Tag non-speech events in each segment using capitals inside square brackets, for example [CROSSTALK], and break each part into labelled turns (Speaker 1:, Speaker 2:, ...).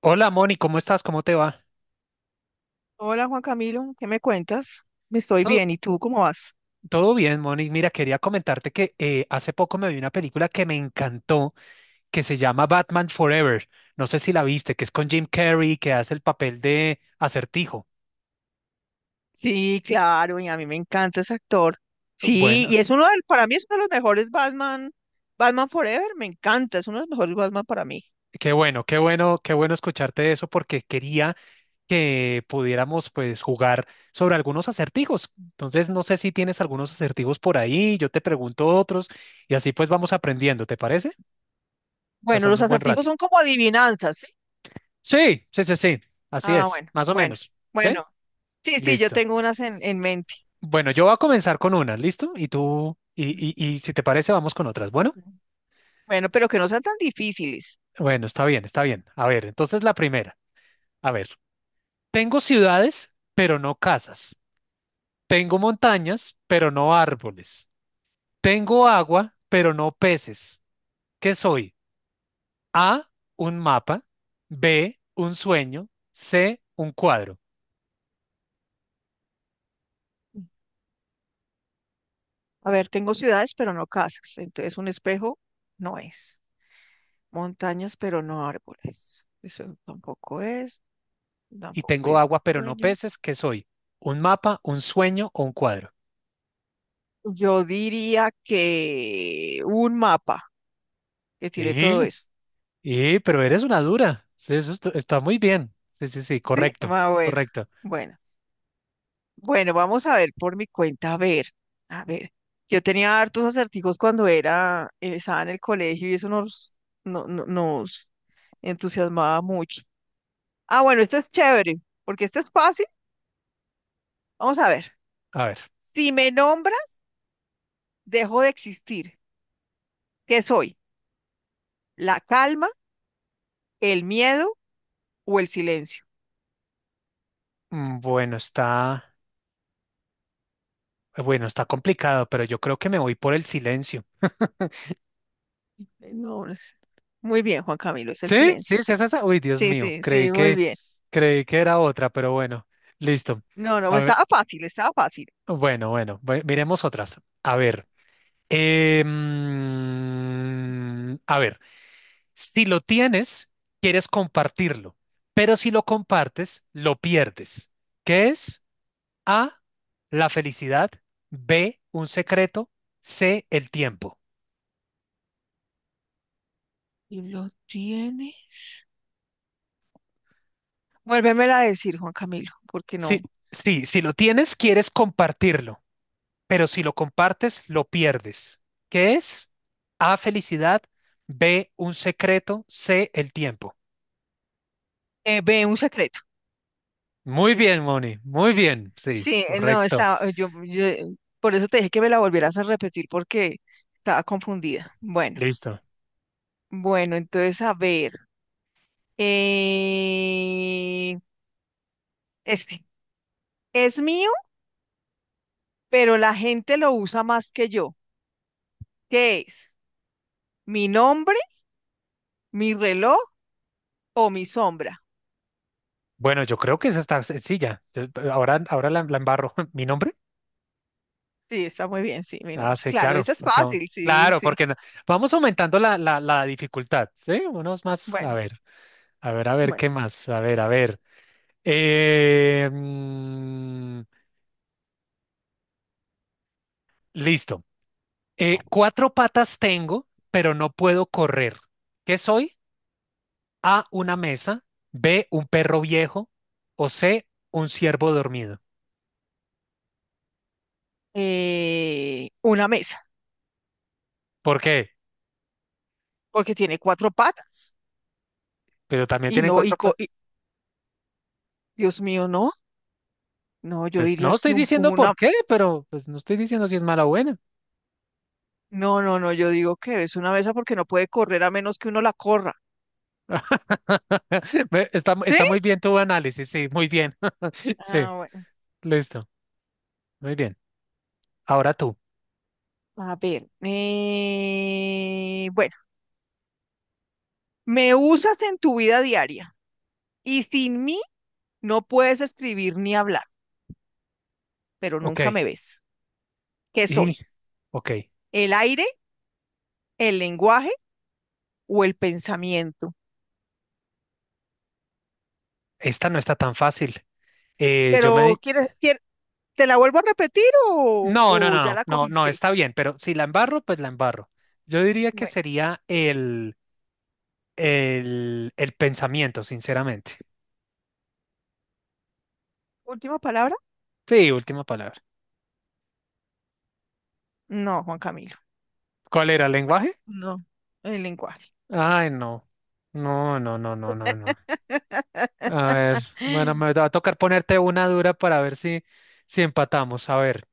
Speaker 1: Hola Moni, ¿cómo estás? ¿Cómo te va?
Speaker 2: Hola Juan Camilo, ¿qué me cuentas? Estoy
Speaker 1: Todo,
Speaker 2: bien, ¿y tú cómo vas?
Speaker 1: todo bien, Moni. Mira, quería comentarte que hace poco me vi una película que me encantó, que se llama Batman Forever. No sé si la viste, que es con Jim Carrey, que hace el papel de Acertijo.
Speaker 2: Sí, claro, y a mí me encanta ese actor. Sí,
Speaker 1: Bueno,
Speaker 2: y es uno del, para mí es uno de los mejores Batman, Batman Forever, me encanta, es uno de los mejores Batman para mí.
Speaker 1: qué bueno, qué bueno, qué bueno escucharte eso porque quería que pudiéramos pues jugar sobre algunos acertijos. Entonces, no sé si tienes algunos acertijos por ahí, yo te pregunto otros y así pues vamos aprendiendo, ¿te parece?
Speaker 2: Bueno,
Speaker 1: Pasando
Speaker 2: los
Speaker 1: un buen
Speaker 2: acertijos
Speaker 1: rato.
Speaker 2: son como adivinanzas, ¿sí?
Speaker 1: Sí, sí, sí, sí. Así
Speaker 2: Ah,
Speaker 1: es,
Speaker 2: bueno,
Speaker 1: más o
Speaker 2: bueno,
Speaker 1: menos. ¿Sí?
Speaker 2: bueno, sí, sí, yo
Speaker 1: Listo.
Speaker 2: tengo unas en mente.
Speaker 1: Bueno, yo voy a comenzar con unas, ¿listo? Y tú, y si te parece, vamos con otras. Bueno,
Speaker 2: Ujú. Bueno, pero que no sean tan difíciles.
Speaker 1: bueno, está bien, está bien. A ver, entonces la primera. A ver, tengo ciudades, pero no casas. Tengo montañas, pero no árboles. Tengo agua, pero no peces. ¿Qué soy? A, un mapa. B, un sueño. C, un cuadro.
Speaker 2: A ver, tengo ciudades, pero no casas, entonces un espejo no es. Montañas, pero no árboles. Eso tampoco es.
Speaker 1: Y
Speaker 2: Tampoco
Speaker 1: tengo
Speaker 2: el
Speaker 1: agua, pero no
Speaker 2: sueño.
Speaker 1: peces. ¿Qué soy? ¿Un mapa, un sueño o un cuadro?
Speaker 2: Yo diría que un mapa que tiene todo
Speaker 1: Y,
Speaker 2: eso.
Speaker 1: pero eres una dura. Sí, está muy bien. Sí, sí, sí,
Speaker 2: ¿Sí?
Speaker 1: correcto,
Speaker 2: Ah, bueno.
Speaker 1: correcto.
Speaker 2: Bueno. Bueno, vamos a ver por mi cuenta. A ver. Yo tenía hartos acertijos cuando era, estaba en el colegio y eso nos, no, no- nos entusiasmaba mucho. Ah, bueno, este es chévere, porque este es fácil. Vamos a ver.
Speaker 1: A ver,
Speaker 2: Si me nombras, dejo de existir. ¿Qué soy? ¿La calma, el miedo o el silencio?
Speaker 1: mm, bueno, está complicado, pero yo creo que me voy por el silencio. [LAUGHS]
Speaker 2: No, muy bien, Juan Camilo, es el
Speaker 1: Sí, sí,
Speaker 2: silencio,
Speaker 1: sí,
Speaker 2: sí.
Speaker 1: es esa. Uy, Dios
Speaker 2: Sí,
Speaker 1: mío,
Speaker 2: sí, sí, muy bien.
Speaker 1: creí que era otra, pero bueno, listo.
Speaker 2: No, no,
Speaker 1: A ver,
Speaker 2: estaba fácil, estaba fácil.
Speaker 1: miremos otras. A ver. A ver, si lo tienes, quieres compartirlo, pero si lo compartes, lo pierdes. ¿Qué es? A, la felicidad, B, un secreto, C, el tiempo.
Speaker 2: ¿Y lo tiene? Vuélvemela a decir, Juan Camilo, porque no.
Speaker 1: Sí, sí, si lo tienes, quieres compartirlo, pero si lo compartes, lo pierdes. ¿Qué es? A, felicidad, B, un secreto, C, el tiempo.
Speaker 2: Ve un secreto.
Speaker 1: Muy bien, Moni, muy bien, sí,
Speaker 2: Sí, eh, no,
Speaker 1: correcto.
Speaker 2: estaba, eh, yo, yo, eh, por eso te dije que me la volvieras a repetir porque estaba confundida. Bueno,
Speaker 1: Listo.
Speaker 2: bueno, entonces a ver. eh, este es mío, pero la gente lo usa más que yo. ¿Qué es? ¿Mi nombre? ¿Mi reloj? O mi sombra.
Speaker 1: Bueno, yo creo que esa está sencilla. Ahora, ahora la embarro. [LAUGHS] ¿Mi nombre?
Speaker 2: Sí, está muy bien, sí, mi
Speaker 1: Ah,
Speaker 2: nombre.
Speaker 1: sí,
Speaker 2: Claro,
Speaker 1: claro,
Speaker 2: eso es
Speaker 1: porque aún.
Speaker 2: fácil, sí,
Speaker 1: Claro,
Speaker 2: sí.
Speaker 1: porque no- vamos aumentando la dificultad, ¿sí? Unos más. A
Speaker 2: Bueno,
Speaker 1: ver, a ver, a ver,
Speaker 2: bueno.
Speaker 1: ¿qué más? A ver, a ver. Eh, mm, listo. Cuatro patas tengo, pero no puedo correr. ¿Qué soy? A, una mesa. B, un perro viejo. O C, un ciervo dormido.
Speaker 2: Una mesa,
Speaker 1: ¿Por qué?
Speaker 2: porque tiene cuatro patas.
Speaker 1: Pero también
Speaker 2: Y
Speaker 1: tienen
Speaker 2: no, y,
Speaker 1: cuatro
Speaker 2: co-
Speaker 1: patas.
Speaker 2: y- Dios mío, no. No, yo
Speaker 1: Pues no
Speaker 2: diría
Speaker 1: estoy
Speaker 2: que
Speaker 1: diciendo por
Speaker 2: una.
Speaker 1: qué, pero pues no estoy diciendo si es mala o buena.
Speaker 2: No, no, no, yo digo que es una mesa porque no puede correr a menos que uno la corra.
Speaker 1: [LAUGHS] Está,
Speaker 2: ¿Sí?
Speaker 1: está muy bien tu análisis, sí, muy bien. [LAUGHS] Sí,
Speaker 2: Ah, bueno.
Speaker 1: listo, muy bien. Ahora tú.
Speaker 2: A ver. Bueno, Me usas en tu vida diaria y sin mí no puedes escribir ni hablar, pero
Speaker 1: Ok,
Speaker 2: nunca me ves. ¿Qué
Speaker 1: y,
Speaker 2: soy?
Speaker 1: ok,
Speaker 2: ¿El aire, el lenguaje o el pensamiento?
Speaker 1: esta no está tan fácil. Yo me...
Speaker 2: Pero, ¿te la vuelvo a repetir
Speaker 1: No, no,
Speaker 2: o
Speaker 1: no,
Speaker 2: ya
Speaker 1: no,
Speaker 2: la
Speaker 1: no, no,
Speaker 2: cogiste?
Speaker 1: está bien, pero si la embarro, pues la embarro. Yo diría que
Speaker 2: Bueno,
Speaker 1: sería el pensamiento, sinceramente.
Speaker 2: última palabra.
Speaker 1: Sí, última palabra.
Speaker 2: No, Juan Camilo,
Speaker 1: ¿Cuál era el lenguaje?
Speaker 2: no, el lenguaje.
Speaker 1: Ay, no. No, no, no, no, no, no. A ver, bueno, me
Speaker 2: [GASPS]
Speaker 1: va a tocar ponerte una dura para ver si, si empatamos. A ver.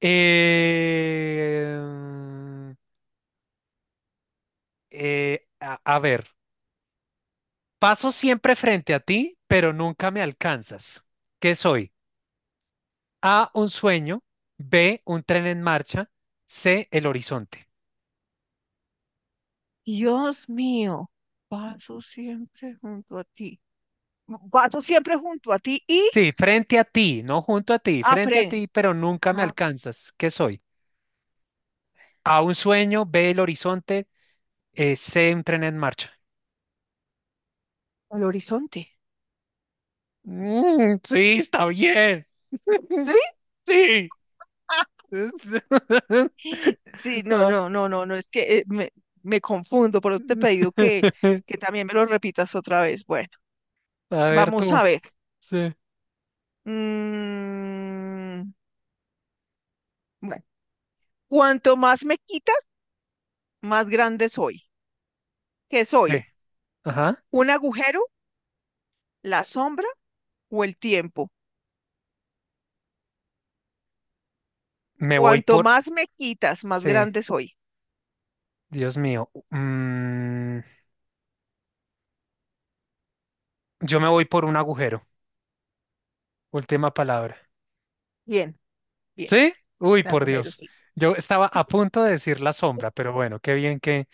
Speaker 1: Eh, a ver, paso siempre frente a ti, pero nunca me alcanzas. ¿Qué soy? A, un sueño, B, un tren en marcha, C, el horizonte.
Speaker 2: Dios mío, paso siempre junto a ti. Paso siempre junto a ti y
Speaker 1: Sí, frente a ti, no junto a ti, frente a
Speaker 2: aprende
Speaker 1: ti, pero nunca me
Speaker 2: al
Speaker 1: alcanzas. ¿Qué soy? A, un sueño, B, el horizonte, C, un tren en marcha.
Speaker 2: horizonte.
Speaker 1: Mm, sí, está bien. [LAUGHS]
Speaker 2: ¿Sí? [LAUGHS]
Speaker 1: Sí.
Speaker 2: Ah,
Speaker 1: [LAUGHS]
Speaker 2: sí, no,
Speaker 1: Ah,
Speaker 2: no, no, no, no, es que me confundo, por eso te he pedido
Speaker 1: [LAUGHS]
Speaker 2: que también me lo repitas otra vez. Bueno,
Speaker 1: A ver
Speaker 2: vamos
Speaker 1: tú.
Speaker 2: a ver.
Speaker 1: Sí.
Speaker 2: Mm, bueno, cuanto más me quitas, más grande soy. ¿Qué
Speaker 1: Sí.
Speaker 2: soy?
Speaker 1: Ajá.
Speaker 2: ¿Un agujero, la sombra o el tiempo?
Speaker 1: Me voy
Speaker 2: Cuanto
Speaker 1: por...
Speaker 2: más me quitas, más
Speaker 1: Sí.
Speaker 2: grande soy.
Speaker 1: Dios mío. Mm, yo me voy por un agujero. Última palabra.
Speaker 2: Bien, bien,
Speaker 1: ¿Sí? Uy,
Speaker 2: el
Speaker 1: por
Speaker 2: agujero
Speaker 1: Dios.
Speaker 2: sí.
Speaker 1: Yo estaba a punto de decir la sombra, pero bueno, qué bien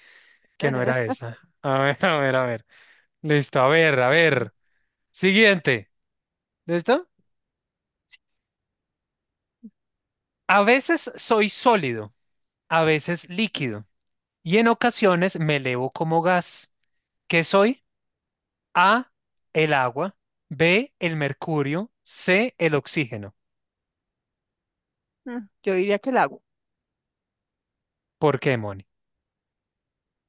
Speaker 1: que no era
Speaker 2: [LAUGHS]
Speaker 1: esa. A ver, [LAUGHS] a ver, a ver. Listo, a ver, a ver. Siguiente. ¿Listo? A veces soy sólido, a veces líquido y en ocasiones me elevo como gas. ¿Qué soy? A, el agua, B, el mercurio, C, el oxígeno.
Speaker 2: Yo diría que el agua,
Speaker 1: ¿Por qué, Moni?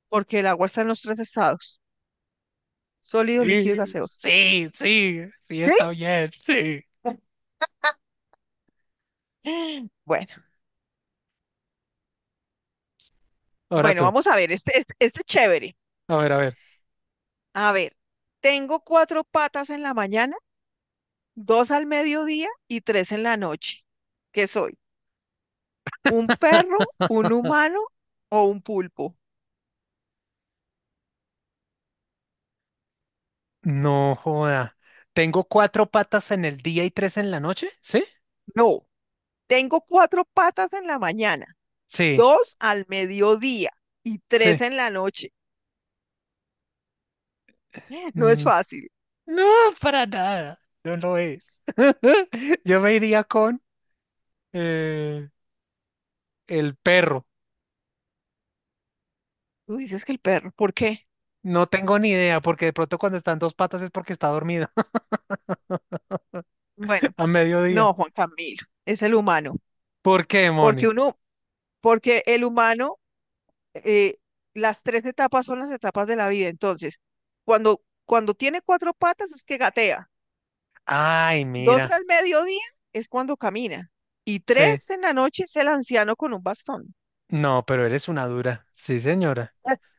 Speaker 2: porque el agua está en los tres estados: sólido, líquido y
Speaker 1: Sí,
Speaker 2: gaseoso.
Speaker 1: sí, sí, sí,
Speaker 2: ¿Sí?
Speaker 1: está bien, sí.
Speaker 2: [GASPS] Bueno,
Speaker 1: Ahora
Speaker 2: bueno,
Speaker 1: tú,
Speaker 2: vamos a ver, este es chévere.
Speaker 1: a ver, a ver.
Speaker 2: A ver, tengo cuatro patas en la mañana, dos al mediodía y tres en la noche. ¿Qué soy? ¿Un perro,
Speaker 1: [LAUGHS]
Speaker 2: un humano o un pulpo?
Speaker 1: No joda. Tengo cuatro patas en el día y tres en la noche, ¿sí?
Speaker 2: No, tengo cuatro patas en la mañana,
Speaker 1: Sí,
Speaker 2: dos al mediodía y tres
Speaker 1: sí.
Speaker 2: en la noche. [GASPS] [LAUGHS] No es
Speaker 1: Mm,
Speaker 2: fácil.
Speaker 1: no, para nada. No lo es. [LAUGHS] Yo me iría con eh, el perro.
Speaker 2: Tú dices que el perro, ¿por qué?
Speaker 1: No tengo ni idea, porque de pronto cuando están dos patas es porque está dormido
Speaker 2: Bueno,
Speaker 1: [LAUGHS] a mediodía.
Speaker 2: no, Juan Camilo, es el humano,
Speaker 1: ¿Por qué,
Speaker 2: porque
Speaker 1: Moni?
Speaker 2: el humano eh, las tres etapas son las etapas de la vida. Entonces, cuando tiene cuatro patas es que gatea.
Speaker 1: Ay,
Speaker 2: Dos
Speaker 1: mira.
Speaker 2: al mediodía es cuando camina. Y
Speaker 1: Sí.
Speaker 2: tres en la noche es el anciano con un bastón.
Speaker 1: No, pero eres una dura. Sí, señora.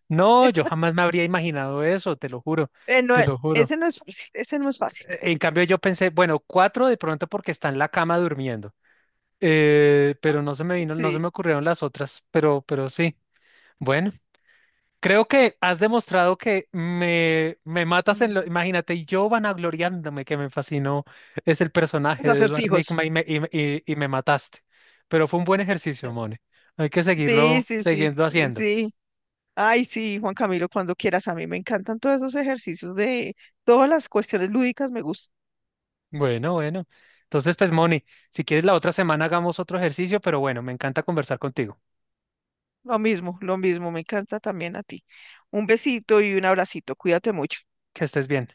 Speaker 1: No, yo
Speaker 2: [LAUGHS]
Speaker 1: jamás me habría imaginado eso, te lo juro,
Speaker 2: Eh, no,
Speaker 1: te
Speaker 2: eh,
Speaker 1: lo juro.
Speaker 2: ese no es fácil, ese no es fácil.
Speaker 1: En cambio, yo pensé, bueno, cuatro de pronto porque está en la cama durmiendo. Pero no se me vino, no se
Speaker 2: Sí,
Speaker 1: me ocurrieron las otras, pero sí. Bueno. Creo que has demostrado que me matas en lo...
Speaker 2: mm,
Speaker 1: Imagínate, y yo vanagloriándome que me fascinó es el personaje
Speaker 2: los
Speaker 1: de Edward
Speaker 2: acertijos.
Speaker 1: Nygma y me mataste. Pero fue un buen ejercicio, Moni. Hay que
Speaker 2: Sí,
Speaker 1: seguirlo,
Speaker 2: sí, sí,
Speaker 1: siguiendo haciendo.
Speaker 2: sí. Ay, sí, Juan Camilo, cuando quieras. A mí me encantan todos esos ejercicios de todas las cuestiones lúdicas, me gustan.
Speaker 1: Bueno, bueno. Entonces, pues, Moni, si quieres la otra semana hagamos otro ejercicio, pero bueno, me encanta conversar contigo.
Speaker 2: Lo mismo, me encanta también a ti. Un besito y un abracito, cuídate mucho.
Speaker 1: Que estés bien.